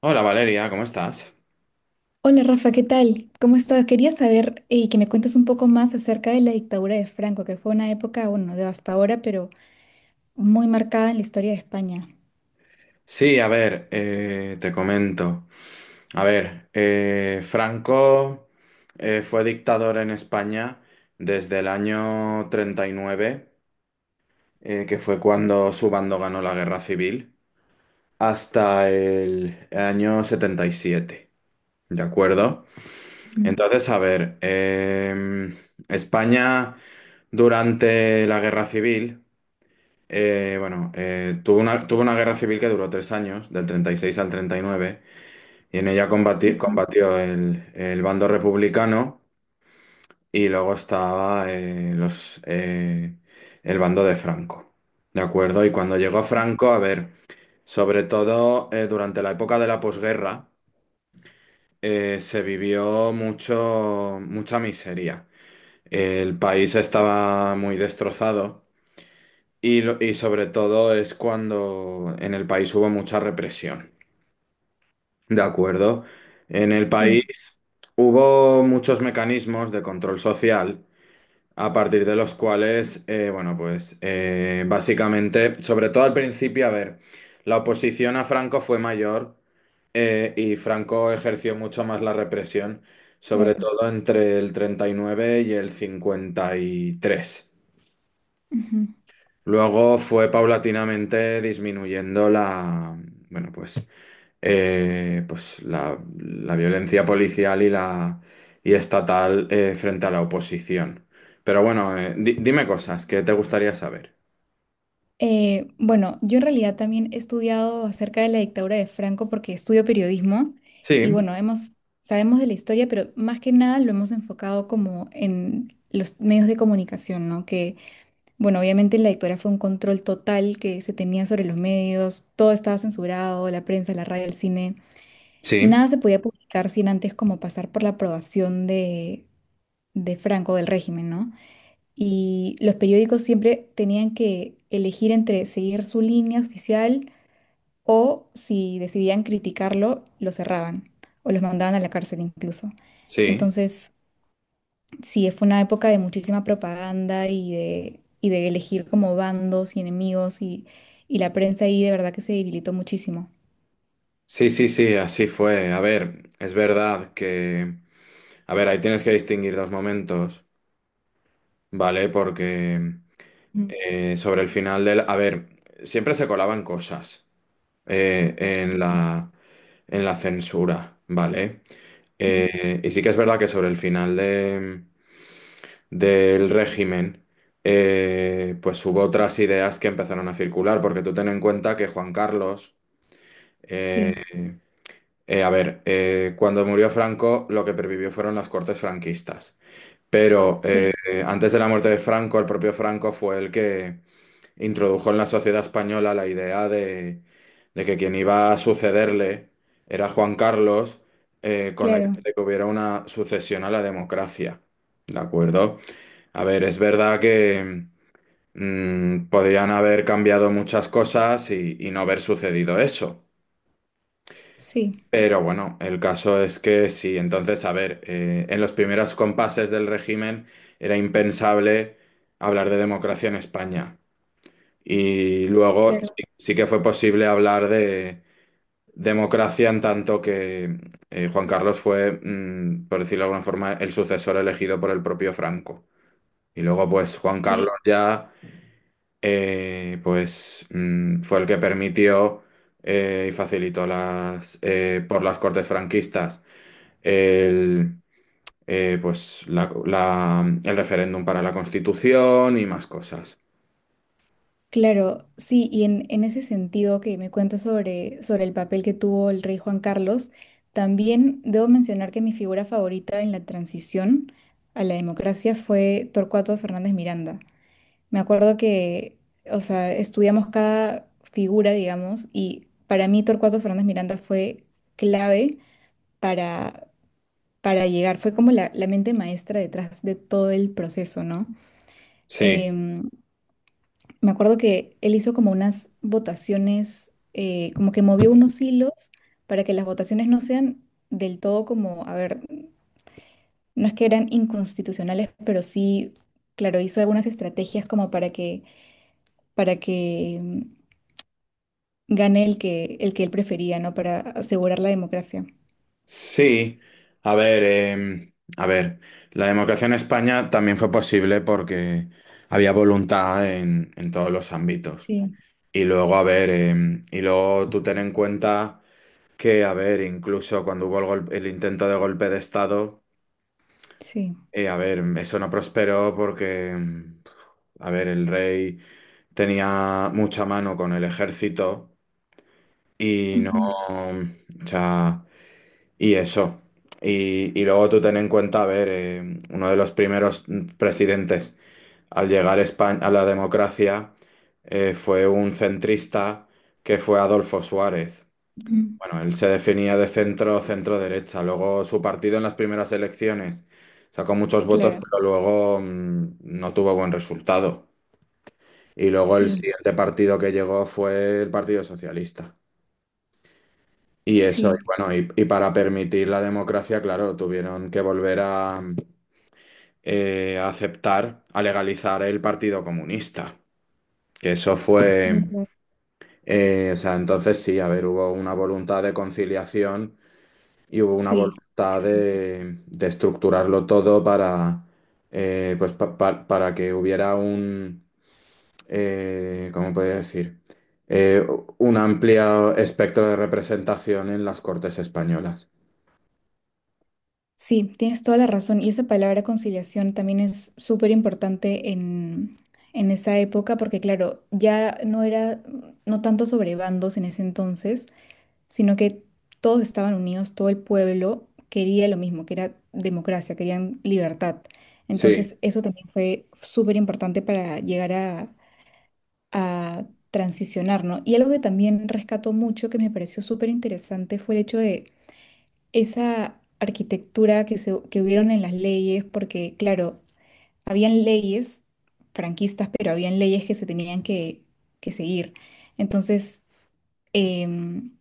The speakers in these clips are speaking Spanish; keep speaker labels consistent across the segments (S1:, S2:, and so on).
S1: Hola Valeria, ¿cómo estás?
S2: Hola Rafa, ¿qué tal? ¿Cómo estás? Quería saber que me cuentes un poco más acerca de la dictadura de Franco, que fue una época, bueno, devastadora, pero muy marcada en la historia de España.
S1: Sí, a ver, te comento. A ver, Franco fue dictador en España desde el año 39, que fue cuando su bando ganó la guerra civil, hasta el año 77, ¿de acuerdo?
S2: Ujú.
S1: Entonces, a ver, España durante la guerra civil. Bueno, tuvo una guerra civil que duró 3 años, del 36 al 39, y nueve, y en ella
S2: Ujú.
S1: combatió el bando republicano y luego estaba los, el bando de Franco. ¿De acuerdo? Y cuando llegó Franco, a ver, sobre todo durante la época de la posguerra, se vivió mucho, mucha miseria. El país estaba muy destrozado. Y, y sobre todo es cuando en el país hubo mucha represión, ¿de acuerdo? En el
S2: Sí,
S1: país hubo muchos mecanismos de control social a partir de los cuales, bueno, pues básicamente, sobre todo al principio, a ver, la oposición a Franco fue mayor y Franco ejerció mucho más la represión, sobre
S2: claro.
S1: todo entre el 39 y nueve y el 53.
S2: Ujú.
S1: Luego fue paulatinamente disminuyendo la, bueno, pues, pues la violencia policial y la y estatal frente a la oposición. Pero bueno, dime cosas que te gustaría saber.
S2: Bueno, yo en realidad también he estudiado acerca de la dictadura de Franco porque estudio periodismo y
S1: Sí,
S2: bueno, sabemos de la historia, pero más que nada lo hemos enfocado como en los medios de comunicación, ¿no? Que bueno, obviamente en la dictadura fue un control total que se tenía sobre los medios, todo estaba censurado, la prensa, la radio, el cine.
S1: sí,
S2: Nada se podía publicar sin antes como pasar por la aprobación de Franco, del régimen, ¿no? Y los periódicos siempre tenían que elegir entre seguir su línea oficial o si decidían criticarlo, lo cerraban o los mandaban a la cárcel incluso.
S1: sí,
S2: Entonces, sí, fue una época de muchísima propaganda y de elegir como bandos y enemigos y la prensa ahí de verdad que se debilitó muchísimo.
S1: sí, sí, sí, así fue. A ver, es verdad que, a ver, ahí tienes que distinguir dos momentos, ¿vale? Porque
S2: Mm,
S1: sobre el final del, a ver, siempre se colaban cosas eh, en
S2: sí,
S1: la, en la censura, ¿vale?
S2: mm.
S1: Y sí que es verdad que sobre el final del régimen, pues hubo otras ideas que empezaron a circular, porque tú ten en cuenta que Juan Carlos, eh,
S2: Sí,
S1: a ver, cuando murió Franco, lo que pervivió fueron las cortes franquistas. Pero
S2: sí,
S1: antes de la muerte de Franco, el propio Franco fue el que introdujo en la sociedad española la idea de que quien iba a sucederle era Juan Carlos, con la idea
S2: claro,
S1: de que hubiera una sucesión a la democracia. ¿De acuerdo? A ver, es verdad que podrían haber cambiado muchas cosas y no haber sucedido eso.
S2: sí,
S1: Pero bueno, el caso es que sí, entonces, a ver, en los primeros compases del régimen era impensable hablar de democracia en España. Y luego
S2: claro,
S1: sí, sí que fue posible hablar de democracia en tanto que Juan Carlos fue, por decirlo de alguna forma, el sucesor elegido por el propio Franco. Y luego, pues, Juan Carlos
S2: sí,
S1: ya, pues, fue el que permitió y facilitó las, por las Cortes franquistas el, pues, el referéndum para la Constitución y más cosas.
S2: claro, sí. Y en ese sentido que me cuentas sobre, sobre el papel que tuvo el rey Juan Carlos, también debo mencionar que mi figura favorita en la transición a la democracia fue Torcuato Fernández Miranda. Me acuerdo que, o sea, estudiamos cada figura, digamos, y para mí Torcuato Fernández Miranda fue clave para, para llegar, fue como la mente maestra detrás de todo el proceso, ¿no?
S1: Sí.
S2: Em, me acuerdo que él hizo como unas votaciones, como que movió unos hilos para que las votaciones no sean del todo como, a ver, no es que eran inconstitucionales, pero sí, claro, hizo algunas estrategias como para que gane el que él prefería, ¿no? Para asegurar la democracia.
S1: Sí, a ver, eh, a ver, la democracia en España también fue posible porque había voluntad en todos los ámbitos.
S2: Sí,
S1: Y luego, a ver, y luego tú ten en cuenta que, a ver, incluso cuando hubo el, el intento de golpe de Estado,
S2: sí.
S1: a ver, eso no prosperó porque, a ver, el rey tenía mucha mano con el ejército y no,
S2: Ujú,
S1: o sea. Y eso. Y luego tú ten en cuenta, a ver, uno de los primeros presidentes al llegar a España, a la democracia fue un centrista que fue Adolfo Suárez.
S2: ujú.
S1: Bueno, él se definía de centro, centro derecha. Luego su partido en las primeras elecciones sacó muchos votos,
S2: Claro,
S1: pero luego no tuvo buen resultado. Y luego el
S2: sí,
S1: siguiente partido que llegó fue el Partido Socialista. Y eso, y
S2: sí.
S1: bueno, y para permitir la democracia, claro, tuvieron que volver a aceptar, a legalizar el Partido Comunista, que eso fue,
S2: Ujú.
S1: o sea, entonces sí, a ver, hubo una voluntad de conciliación y hubo una
S2: Sí.
S1: voluntad
S2: Eso.
S1: de, estructurarlo todo para, pues, para que hubiera un, ¿cómo podría decir? Eh, un amplio espectro de representación en las Cortes españolas.
S2: Sí, tienes toda la razón. Y esa palabra conciliación también es súper importante en esa época, porque claro, ya no era, no tanto sobre bandos en ese entonces, sino que todos estaban unidos, todo el pueblo quería lo mismo, que era democracia, querían libertad.
S1: Sí.
S2: Entonces, eso también fue súper importante para llegar a transicionar, ¿no? Y algo que también rescató mucho, que me pareció súper interesante, fue el hecho de esa arquitectura que, se, que hubieron en las leyes, porque, claro, habían leyes franquistas, pero habían leyes que se tenían que seguir. Entonces, em,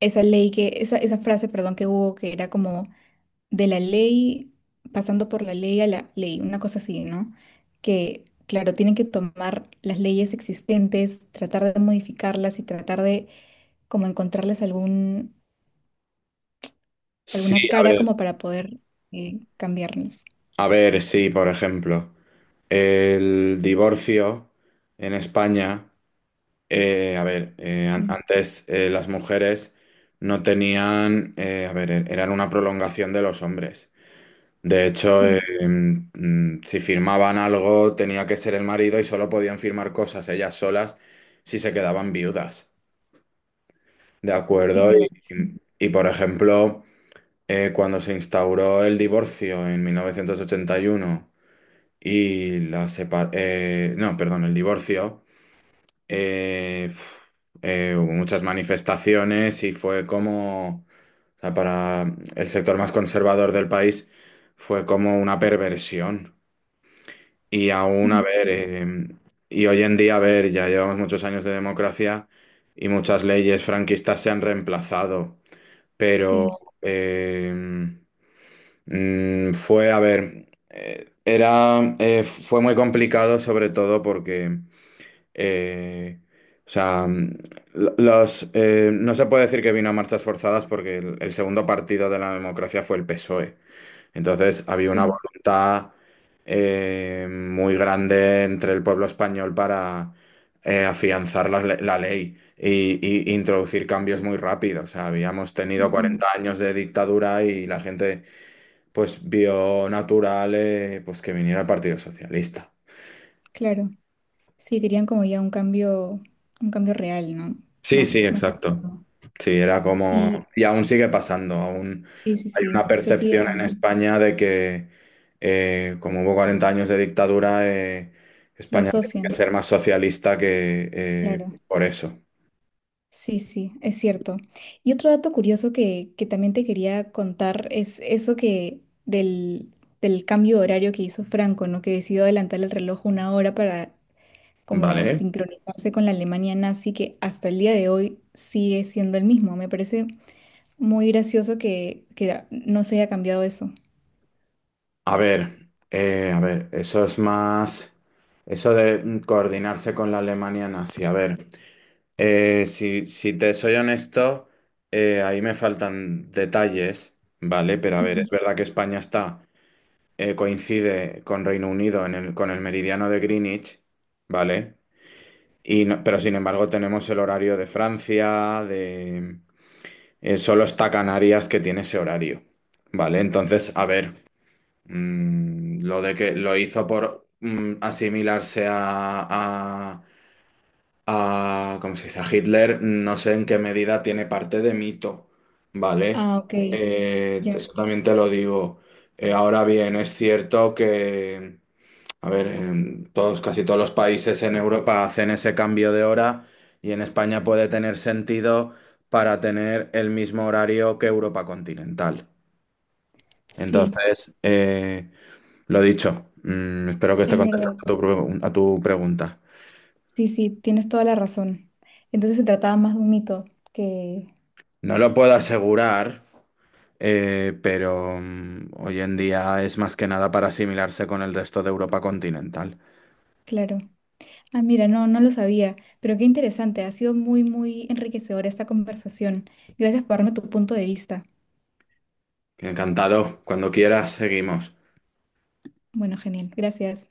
S2: esa ley que, esa frase, perdón, que hubo que era como de la ley, pasando por la ley a la ley, una cosa así, ¿no? Que, claro, tienen que tomar las leyes existentes, tratar de modificarlas y tratar de como encontrarles algún,
S1: Sí,
S2: alguna cara como para poder cambiarlas.
S1: a ver, sí, por ejemplo, el divorcio en España, a ver,
S2: Sí,
S1: antes las mujeres no tenían, a ver, eran una prolongación de los hombres. De hecho,
S2: sí,
S1: si firmaban algo tenía que ser el marido y solo podían firmar cosas ellas solas si se quedaban viudas. ¿De
S2: es
S1: acuerdo? Y,
S2: verdad, sí.
S1: y por ejemplo, cuando se instauró el divorcio en 1981. Y la separación, no, perdón, el divorcio, eh, hubo muchas manifestaciones y fue como, o sea, para el sector más conservador del país, fue como una perversión. Y aún, a
S2: Mm,
S1: ver,
S2: sí,
S1: y hoy en día, a ver, ya llevamos muchos años de democracia y muchas leyes franquistas se han reemplazado, pero.
S2: sí.
S1: eh, Fue, a ver, era, fue muy complicado sobre todo porque, eh, o sea, los, no se puede decir que vino a marchas forzadas porque el segundo partido de la democracia fue el PSOE. Entonces había una
S2: Sí.
S1: voluntad muy grande entre el pueblo español para afianzar la, la ley y introducir cambios muy rápidos. O sea, habíamos tenido
S2: Ujú.
S1: 40 años de dictadura y la gente pues vio natural pues que viniera el Partido Socialista.
S2: Claro, sí, querían como ya un cambio real, ¿no?
S1: Sí, sí,
S2: Más, más
S1: exacto.
S2: extremo.
S1: Sí, era como,
S2: Y
S1: y aún sigue pasando, aún
S2: sí, sí,
S1: hay una
S2: sí, se sigue
S1: percepción en
S2: dando,
S1: España de que como hubo 40 años de dictadura,
S2: lo
S1: España tiene que
S2: asocian,
S1: ser más socialista que
S2: claro.
S1: por eso.
S2: Sí, sí, es cierto. Y otro dato curioso que también te quería contar es eso que del, del cambio de horario que hizo Franco, ¿no? Que decidió adelantar el reloj 1 hora para como
S1: Vale.
S2: sincronizarse con la Alemania nazi, que hasta el día de hoy sigue siendo el mismo. Me parece muy gracioso que no se haya cambiado eso.
S1: A ver, eso es más, eso de coordinarse con la Alemania nazi, a ver. Si, te soy honesto, ahí me faltan detalles, ¿vale? Pero a ver,
S2: Ujú.
S1: es verdad que España está, coincide con Reino Unido en el, con el meridiano de Greenwich, ¿vale? Y pero sin embargo tenemos el horario de Francia, solo está Canarias que tiene ese horario, ¿vale? Entonces, a ver, lo de que lo hizo por asimilarse a, ¿cómo se dice? A Hitler, no sé en qué medida tiene parte de mito, ¿vale?
S2: Ah, ok, ya.
S1: Eso también te lo digo. Ahora bien, es cierto que, a ver, en todos, casi todos los países en Europa hacen ese cambio de hora y en España puede tener sentido para tener el mismo horario que Europa continental.
S2: Sí,
S1: Entonces, lo dicho, espero que esté
S2: es
S1: contestando
S2: verdad.
S1: a tu a tu pregunta.
S2: Sí, sí, tienes toda la razón. Entonces se trataba más de un mito que,
S1: No lo puedo asegurar. Pero hoy en día es más que nada para asimilarse con el resto de Europa continental.
S2: claro. Ah, mira, no, no lo sabía, pero qué interesante. Ha sido muy, muy enriquecedora esta conversación. Gracias por darme tu punto de vista.
S1: Encantado, cuando quieras, seguimos.
S2: Bueno, genial. Gracias.